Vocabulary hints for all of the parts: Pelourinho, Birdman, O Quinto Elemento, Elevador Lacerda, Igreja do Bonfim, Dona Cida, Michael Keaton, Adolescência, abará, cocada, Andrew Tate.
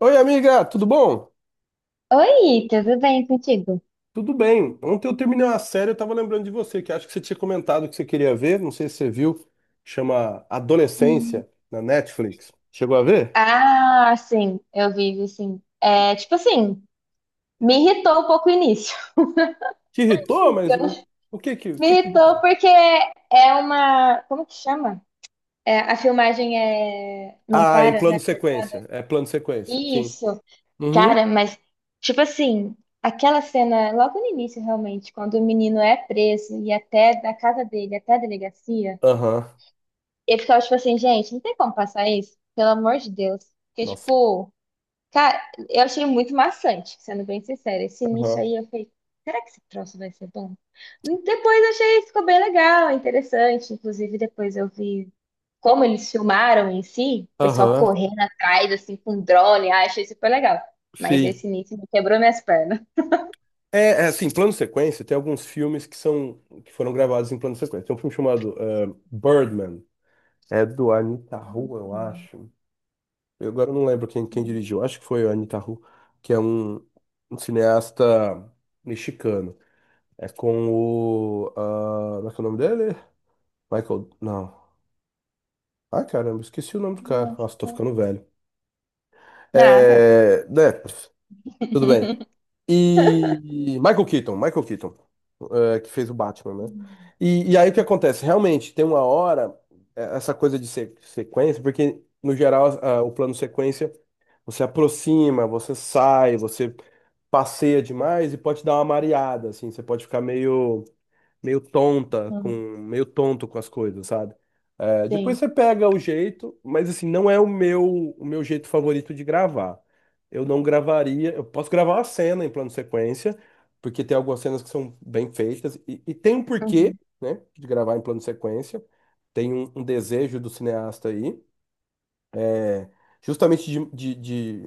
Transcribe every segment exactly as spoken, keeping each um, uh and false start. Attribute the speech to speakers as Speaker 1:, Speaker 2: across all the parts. Speaker 1: Oi, amiga, tudo bom?
Speaker 2: Oi, tudo bem contigo?
Speaker 1: Tudo bem. Ontem eu terminei uma série, eu tava lembrando de você, que acho que você tinha comentado que você queria ver, não sei se você viu, chama
Speaker 2: Hum.
Speaker 1: Adolescência, na Netflix. Chegou a ver?
Speaker 2: Ah, sim, eu vivo sim. É, tipo assim, me irritou um pouco o início.
Speaker 1: Te irritou, mas o, o que que, o
Speaker 2: Me
Speaker 1: que que
Speaker 2: irritou
Speaker 1: irritou?
Speaker 2: porque é uma. Como que chama? É, a filmagem é. Não
Speaker 1: Ah, em
Speaker 2: para,
Speaker 1: plano
Speaker 2: né?
Speaker 1: sequência. É plano sequência, sim.
Speaker 2: Isso,
Speaker 1: Uhum.
Speaker 2: cara, mas. Tipo assim, aquela cena logo no início, realmente, quando o menino é preso e até da casa dele até a delegacia,
Speaker 1: Aham.
Speaker 2: eu ficava tipo assim, gente, não tem como passar isso? Pelo amor de Deus. Porque,
Speaker 1: Nossa.
Speaker 2: tipo. Cara, eu achei muito maçante, sendo bem sincera. Esse início
Speaker 1: Aham.
Speaker 2: aí eu falei, será que esse troço vai ser bom? Depois eu achei, ficou bem legal, é interessante. Inclusive, depois eu vi como eles filmaram em si, o pessoal
Speaker 1: Aham.
Speaker 2: correndo atrás, assim, com drone. Ah, achei super legal. Mas
Speaker 1: Sim.
Speaker 2: esse início me quebrou minhas pernas.
Speaker 1: É, é assim, plano sequência, tem alguns filmes que são, que foram gravados em plano sequência. Tem um filme chamado eh, Birdman. É do Anita Rua, eu
Speaker 2: Hum,
Speaker 1: acho. Eu agora não lembro quem, quem dirigiu, acho que foi o Anitaru, que é um, um cineasta mexicano. É com o. Ah, como é que é o nome dele? Michael. Não. Ai, caramba, esqueci o nome do cara. Nossa, tô
Speaker 2: Nossa.
Speaker 1: ficando velho.
Speaker 2: Nada.
Speaker 1: É. Né. Tudo bem. E Michael Keaton, Michael Keaton, eh, que fez o Batman, né?
Speaker 2: Hum,
Speaker 1: E, e aí o que acontece? Realmente, tem uma hora, eh, essa coisa de se- sequência, porque no geral ah, o plano sequência você aproxima, você sai, você passeia demais e pode dar uma mareada, assim, você pode ficar meio meio tonta com
Speaker 2: hum,
Speaker 1: meio tonto com as coisas, sabe? É, depois
Speaker 2: sim.
Speaker 1: você pega o jeito, mas assim, não é o meu o meu jeito favorito de gravar. Eu não gravaria, eu posso gravar uma cena em plano sequência, porque tem algumas cenas que são bem feitas e, e tem um porquê,
Speaker 2: Uhum.
Speaker 1: né, de gravar em plano sequência. Tem um, um desejo do cineasta aí, é, justamente de, de, de-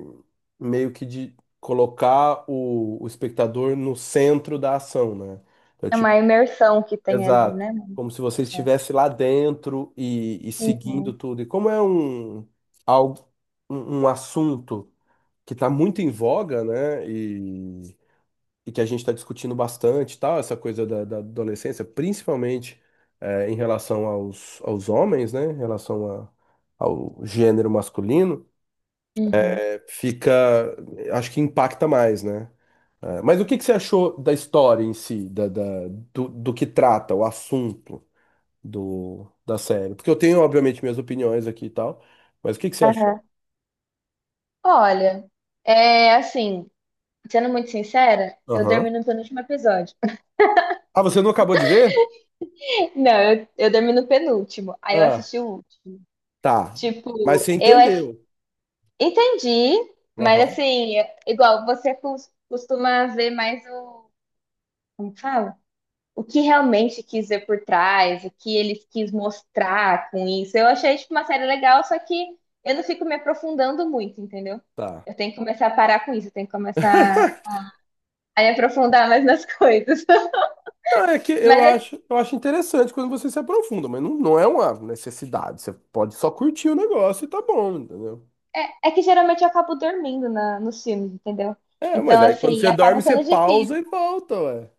Speaker 1: meio que de colocar o, o espectador no centro da ação, né? Então,
Speaker 2: É uma
Speaker 1: tipo,
Speaker 2: imersão que tem ali,
Speaker 1: exato.
Speaker 2: né, mano?
Speaker 1: Como se você estivesse lá dentro e, e seguindo
Speaker 2: Uhum.
Speaker 1: tudo. E como é um, algo, um, um assunto que está muito em voga, né? E, e que a gente está discutindo bastante, e tal, essa coisa da, da adolescência, principalmente eh, em relação aos, aos homens, né? Em relação a- ao gênero masculino,
Speaker 2: Uhum.
Speaker 1: eh, fica, acho que impacta mais, né? Eh, mas o que que você achou da história em si, da, da- do, do que trata, o assunto? Do, da série? Porque eu tenho, obviamente, minhas opiniões aqui e tal, mas o que que você achou?
Speaker 2: Aham. Olha, é assim, sendo muito sincera, eu dormi
Speaker 1: Aham.
Speaker 2: no penúltimo episódio.
Speaker 1: Ah, você não acabou de ver?
Speaker 2: Não, eu, eu dormi no penúltimo, aí eu
Speaker 1: Ah,
Speaker 2: assisti o último.
Speaker 1: tá.
Speaker 2: Tipo,
Speaker 1: Mas você
Speaker 2: eu ass-
Speaker 1: entendeu.
Speaker 2: entendi, mas
Speaker 1: Aham.
Speaker 2: assim, é- igual você cos- costuma ver mais o, como que fala? O que realmente quis ver por trás, o que ele quis mostrar com isso. Eu achei, tipo, uma série legal, só que eu não fico me aprofundando muito, entendeu?
Speaker 1: Tá.
Speaker 2: Eu tenho que começar a parar com isso, eu tenho que começar a me aprofundar mais nas coisas.
Speaker 1: Não, é que eu
Speaker 2: Mas
Speaker 1: acho, eu acho interessante quando você se aprofunda, mas não, não é uma necessidade. Você pode só curtir o negócio e tá bom, entendeu?
Speaker 2: É, é que geralmente eu acabo dormindo na, nos filmes, entendeu?
Speaker 1: É, mas
Speaker 2: Então,
Speaker 1: aí quando
Speaker 2: assim,
Speaker 1: você dorme,
Speaker 2: acaba
Speaker 1: você
Speaker 2: sendo difícil.
Speaker 1: pausa e volta, ué.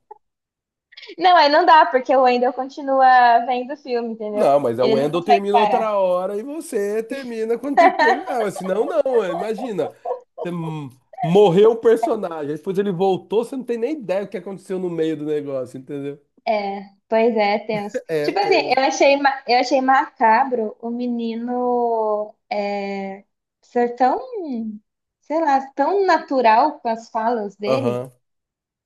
Speaker 2: Não, aí não dá, porque o Wendell continua vendo o filme, entendeu?
Speaker 1: Não, mas a
Speaker 2: Ele não
Speaker 1: Wendell
Speaker 2: consegue
Speaker 1: termina
Speaker 2: parar.
Speaker 1: outra hora e você termina quando tem que terminar. Mas senão, não. É, imagina. Você m- Morreu o personagem. Depois ele voltou, você não tem nem ideia o que aconteceu no meio do negócio, entendeu?
Speaker 2: É, pois é, tenso.
Speaker 1: É,
Speaker 2: Tipo
Speaker 1: pois
Speaker 2: assim,
Speaker 1: é.
Speaker 2: eu achei, ma- eu achei macabro o menino é, ser tão, sei lá, tão natural com as falas dele.
Speaker 1: Aham.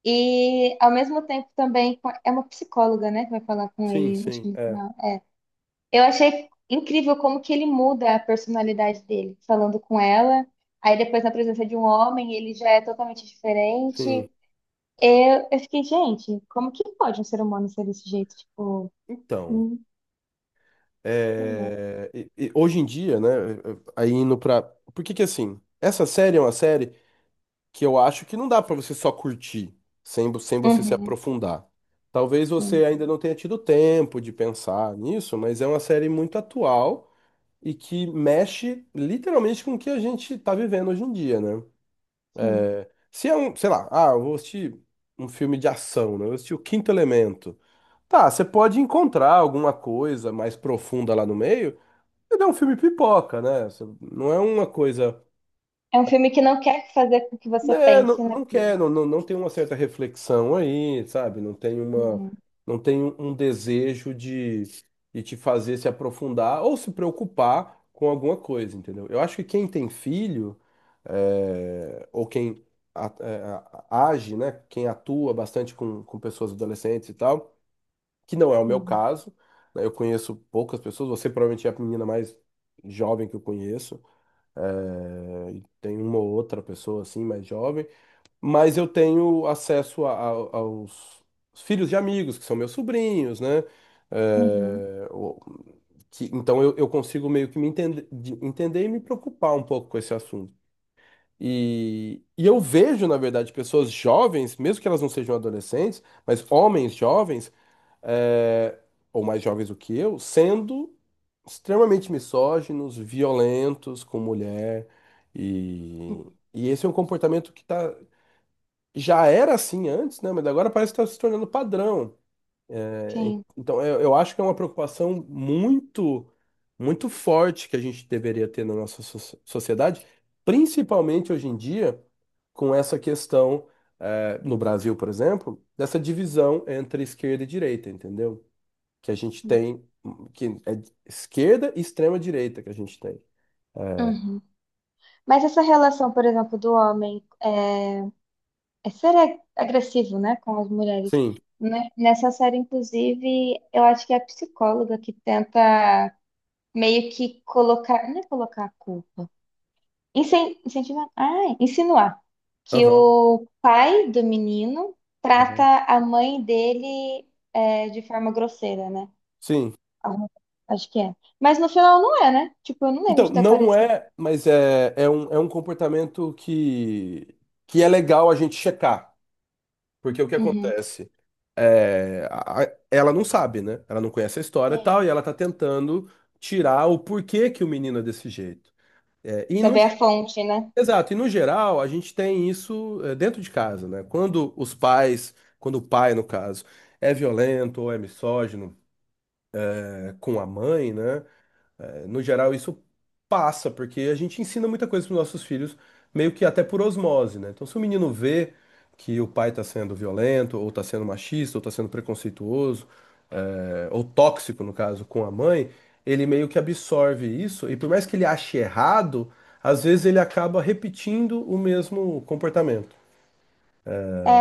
Speaker 2: E ao mesmo tempo também com- é uma psicóloga, né, que vai falar com
Speaker 1: Sim,
Speaker 2: ele, acho que
Speaker 1: sim.
Speaker 2: no
Speaker 1: É.
Speaker 2: final. É. Eu achei incrível como que ele muda a personalidade dele, falando com ela. Aí depois, na presença de um homem, ele já é totalmente diferente.
Speaker 1: Sim.
Speaker 2: Eu, eu fiquei, gente, como que pode um ser humano ser desse jeito? Tipo,
Speaker 1: Então,
Speaker 2: hum, sei lá.
Speaker 1: é, e- e hoje em dia, né? Aí indo pra. Por que que assim? Essa série é uma série. Que eu acho que não dá pra você só curtir, sem, vo- sem você se
Speaker 2: Uhum,
Speaker 1: aprofundar. Talvez
Speaker 2: sim,
Speaker 1: você ainda não tenha tido tempo de pensar nisso, mas é uma série muito atual e que mexe literalmente com o que a gente tá vivendo hoje em dia, né?
Speaker 2: sim.
Speaker 1: Se é um, sei lá, ah, eu vou assistir um filme de ação, né? Eu vou assistir O Quinto Elemento. Tá, você pode encontrar alguma coisa mais profunda lá no meio, mas é um filme pipoca, né? Você. Não é uma coisa.
Speaker 2: É um filme que não quer fazer com que você
Speaker 1: Né,
Speaker 2: pense
Speaker 1: não, não quer,
Speaker 2: naquilo.
Speaker 1: não, não, não tem uma certa reflexão aí, sabe? Não tem uma,
Speaker 2: Uhum,
Speaker 1: não tem um desejo de, de te fazer se aprofundar ou se preocupar com alguma coisa, entendeu? Eu acho que quem tem filho, é, ou quem a- é, a- age, né? Quem atua bastante com, com pessoas adolescentes e tal, que não é o meu
Speaker 2: uhum,
Speaker 1: caso, né? Eu conheço poucas pessoas, você provavelmente é a menina mais jovem que eu conheço, é, e tem uma ou outra pessoa assim mais jovem mas eu tenho acesso a- a- aos filhos de amigos, que são meus sobrinhos, né?
Speaker 2: uhum,
Speaker 1: É, o- que- então eu, eu consigo meio que me entender, de- entender e me preocupar um pouco com esse assunto. E, e eu vejo, na verdade, pessoas jovens, mesmo que elas não sejam adolescentes, mas homens jovens, é, ou mais jovens do que eu, sendo extremamente misóginos, violentos com mulher. E,
Speaker 2: uhum.
Speaker 1: e esse é um comportamento que tá já era assim antes, né? Mas agora parece que está se tornando padrão. É.
Speaker 2: Sim.
Speaker 1: Então, eu, eu acho que é uma preocupação muito, muito forte que a gente deveria ter na nossa so- sociedade, principalmente hoje em dia, com essa questão, eh, no Brasil, por exemplo, dessa divisão entre esquerda e direita, entendeu? Que a gente tem, que é esquerda e extrema direita que a gente tem.
Speaker 2: Uhum. Mas essa relação, por exemplo, do homem é, É ser ag- agressivo, né, com as mulheres.
Speaker 1: Sim.
Speaker 2: Né? Nessa série, inclusive, eu acho que é a psicóloga que tenta meio que colocar, não é colocar a culpa, incen- incentivar, ah, insinuar que
Speaker 1: Aham,
Speaker 2: o pai do menino
Speaker 1: aham.
Speaker 2: trata a mãe dele é, de forma grosseira, né?
Speaker 1: Sim.
Speaker 2: Alguma- Acho que é. Mas no final não é, né? Tipo, eu não lembro
Speaker 1: Então,
Speaker 2: de ter
Speaker 1: não
Speaker 2: aparecido.
Speaker 1: é, mas é, é um, é um comportamento que, que é legal a gente checar. Porque o que
Speaker 2: Uhum.
Speaker 1: acontece? É, a- a- ela não sabe, né? Ela não conhece a história e
Speaker 2: Sim.
Speaker 1: tal, e ela tá tentando tirar o porquê que o menino é desse jeito. É, e no,
Speaker 2: Saber a
Speaker 1: ge-
Speaker 2: fonte, né?
Speaker 1: Exato, e no geral, a gente tem isso é, dentro de casa, né? Quando os pais, quando o pai, no caso, é violento ou é misógino, é, com a mãe, né? Eh, no geral, isso passa, porque a gente ensina muita coisa para nossos filhos, meio que até por osmose, né? Então, se o menino vê que o pai está sendo violento, ou está sendo machista, ou está sendo preconceituoso, é, ou tóxico, no caso, com a mãe, ele meio que absorve isso, e por mais que ele ache errado, às vezes ele acaba repetindo o mesmo comportamento.
Speaker 2: É,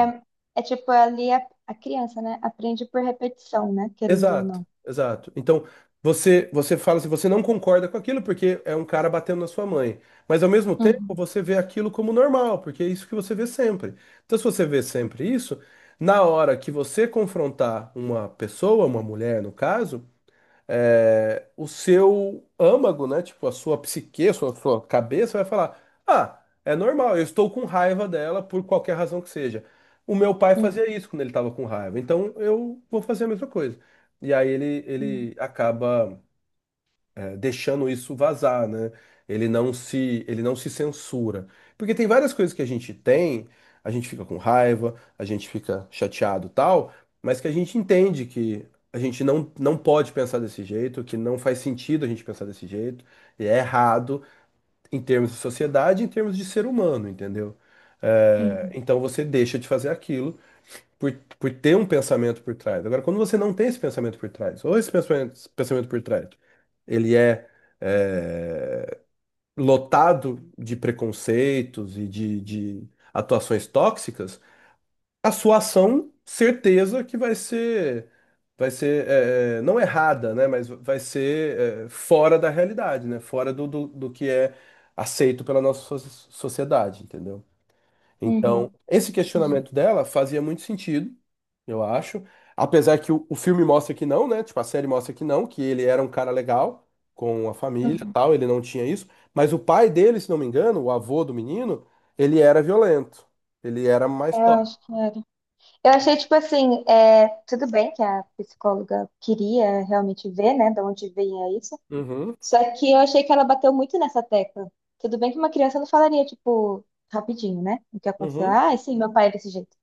Speaker 2: é tipo, ali a, a criança, né? Aprende por repetição, né? Querendo ou
Speaker 1: Exato,
Speaker 2: não.
Speaker 1: exato. Então, você você fala se você não concorda com aquilo porque é um cara batendo na sua mãe, mas ao mesmo tempo
Speaker 2: Uhum,
Speaker 1: você vê aquilo como normal, porque é isso que você vê sempre. Então, se você vê
Speaker 2: sim.
Speaker 1: sempre isso, na hora que você confrontar uma pessoa, uma mulher no caso, é, o seu âmago, né? Tipo, a sua psique, a sua, sua cabeça vai falar: ah, é normal, eu estou com raiva dela por qualquer razão que seja. O meu pai
Speaker 2: Uhum,
Speaker 1: fazia isso quando ele estava com raiva, então eu vou fazer a mesma coisa. E aí ele,
Speaker 2: uhum,
Speaker 1: ele acaba deixando isso vazar, né? Ele não se, ele não se censura. Porque tem várias coisas que a gente tem, a gente fica com raiva, a gente fica chateado, e tal, mas que a gente entende que a gente não, não pode pensar desse jeito, que não faz sentido a gente pensar desse jeito, e é errado em termos de sociedade, em termos de ser humano, entendeu? É,
Speaker 2: uhum,
Speaker 1: então você deixa de fazer aquilo por, por ter um pensamento por trás. Agora, quando você não tem esse pensamento por trás, ou esse pensamento, esse pensamento por trás, ele é, é, lotado de preconceitos e de, de atuações tóxicas, a sua ação, certeza que vai ser, vai ser é, é, não errada, né? Mas vai ser é, fora da realidade, né? Fora do, do, do que é aceito pela nossa so- sociedade, entendeu? Então,
Speaker 2: uhum,
Speaker 1: esse
Speaker 2: entendi.
Speaker 1: questionamento dela fazia muito sentido, eu acho. Apesar que o, o filme mostra que não, né? Tipo, a série mostra que não, que ele era um cara legal com a família, e
Speaker 2: Uhum.
Speaker 1: tal, ele não tinha isso, mas o pai dele, se não me engano, o avô do menino, ele era violento. Ele era mais
Speaker 2: Eu
Speaker 1: top.
Speaker 2: acho que era. Eu achei, tipo assim, é, tudo bem que a psicóloga queria realmente ver, né, de onde vinha isso.
Speaker 1: Uhum,
Speaker 2: Só que eu achei que ela bateu muito nessa tecla. Tudo bem que uma criança não falaria, tipo, rapidinho, né? O que aconteceu?
Speaker 1: uhum.
Speaker 2: Ah, sim, meu pai é desse jeito.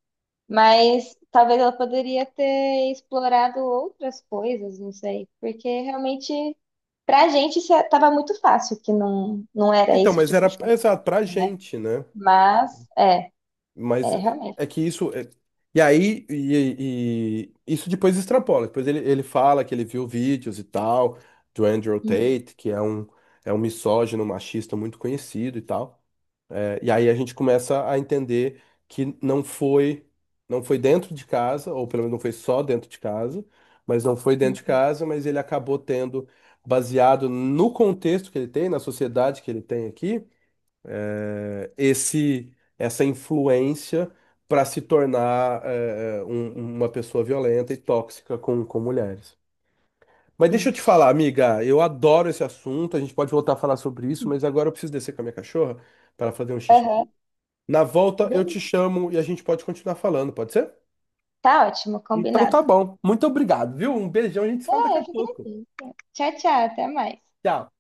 Speaker 2: Mas talvez ela poderia ter explorado outras coisas, não sei. Porque realmente, pra gente, isso estava muito fácil que não, não era
Speaker 1: Então,
Speaker 2: esse
Speaker 1: mas
Speaker 2: tipo
Speaker 1: era
Speaker 2: de conflito,
Speaker 1: exato pra
Speaker 2: né?
Speaker 1: gente, né?
Speaker 2: Mas, é,
Speaker 1: Mas
Speaker 2: é realmente.
Speaker 1: é que isso. É. E aí, e, e- isso depois extrapola. Depois ele, ele fala que ele viu vídeos e tal, do Andrew
Speaker 2: Uhum,
Speaker 1: Tate, que é um, é um misógino, machista muito conhecido e tal. É. E aí a gente começa a entender que não foi, não foi dentro de casa, ou pelo menos não foi só dentro de casa, mas não foi dentro de
Speaker 2: uhum,
Speaker 1: casa, mas ele acabou tendo, baseado no contexto que ele tem, na sociedade que ele tem aqui esse essa influência para se tornar eh, eh, um- uma pessoa violenta e tóxica com, com mulheres. Mas deixa eu te falar, amiga, eu adoro esse assunto, a gente pode voltar a falar sobre isso,
Speaker 2: uhum.
Speaker 1: mas agora eu preciso descer com a minha cachorra para fazer um xixi.
Speaker 2: Aham.
Speaker 1: Na volta eu te
Speaker 2: Beleza.
Speaker 1: chamo e a gente pode continuar falando, pode ser?
Speaker 2: Tá ótimo,
Speaker 1: Então
Speaker 2: combinado.
Speaker 1: tá bom. Muito obrigado, viu? Um beijão, a gente se fala
Speaker 2: Ah,
Speaker 1: daqui
Speaker 2: eu
Speaker 1: a
Speaker 2: que
Speaker 1: pouco.
Speaker 2: agradeço. Tchau, tchau, até mais.
Speaker 1: Tchau.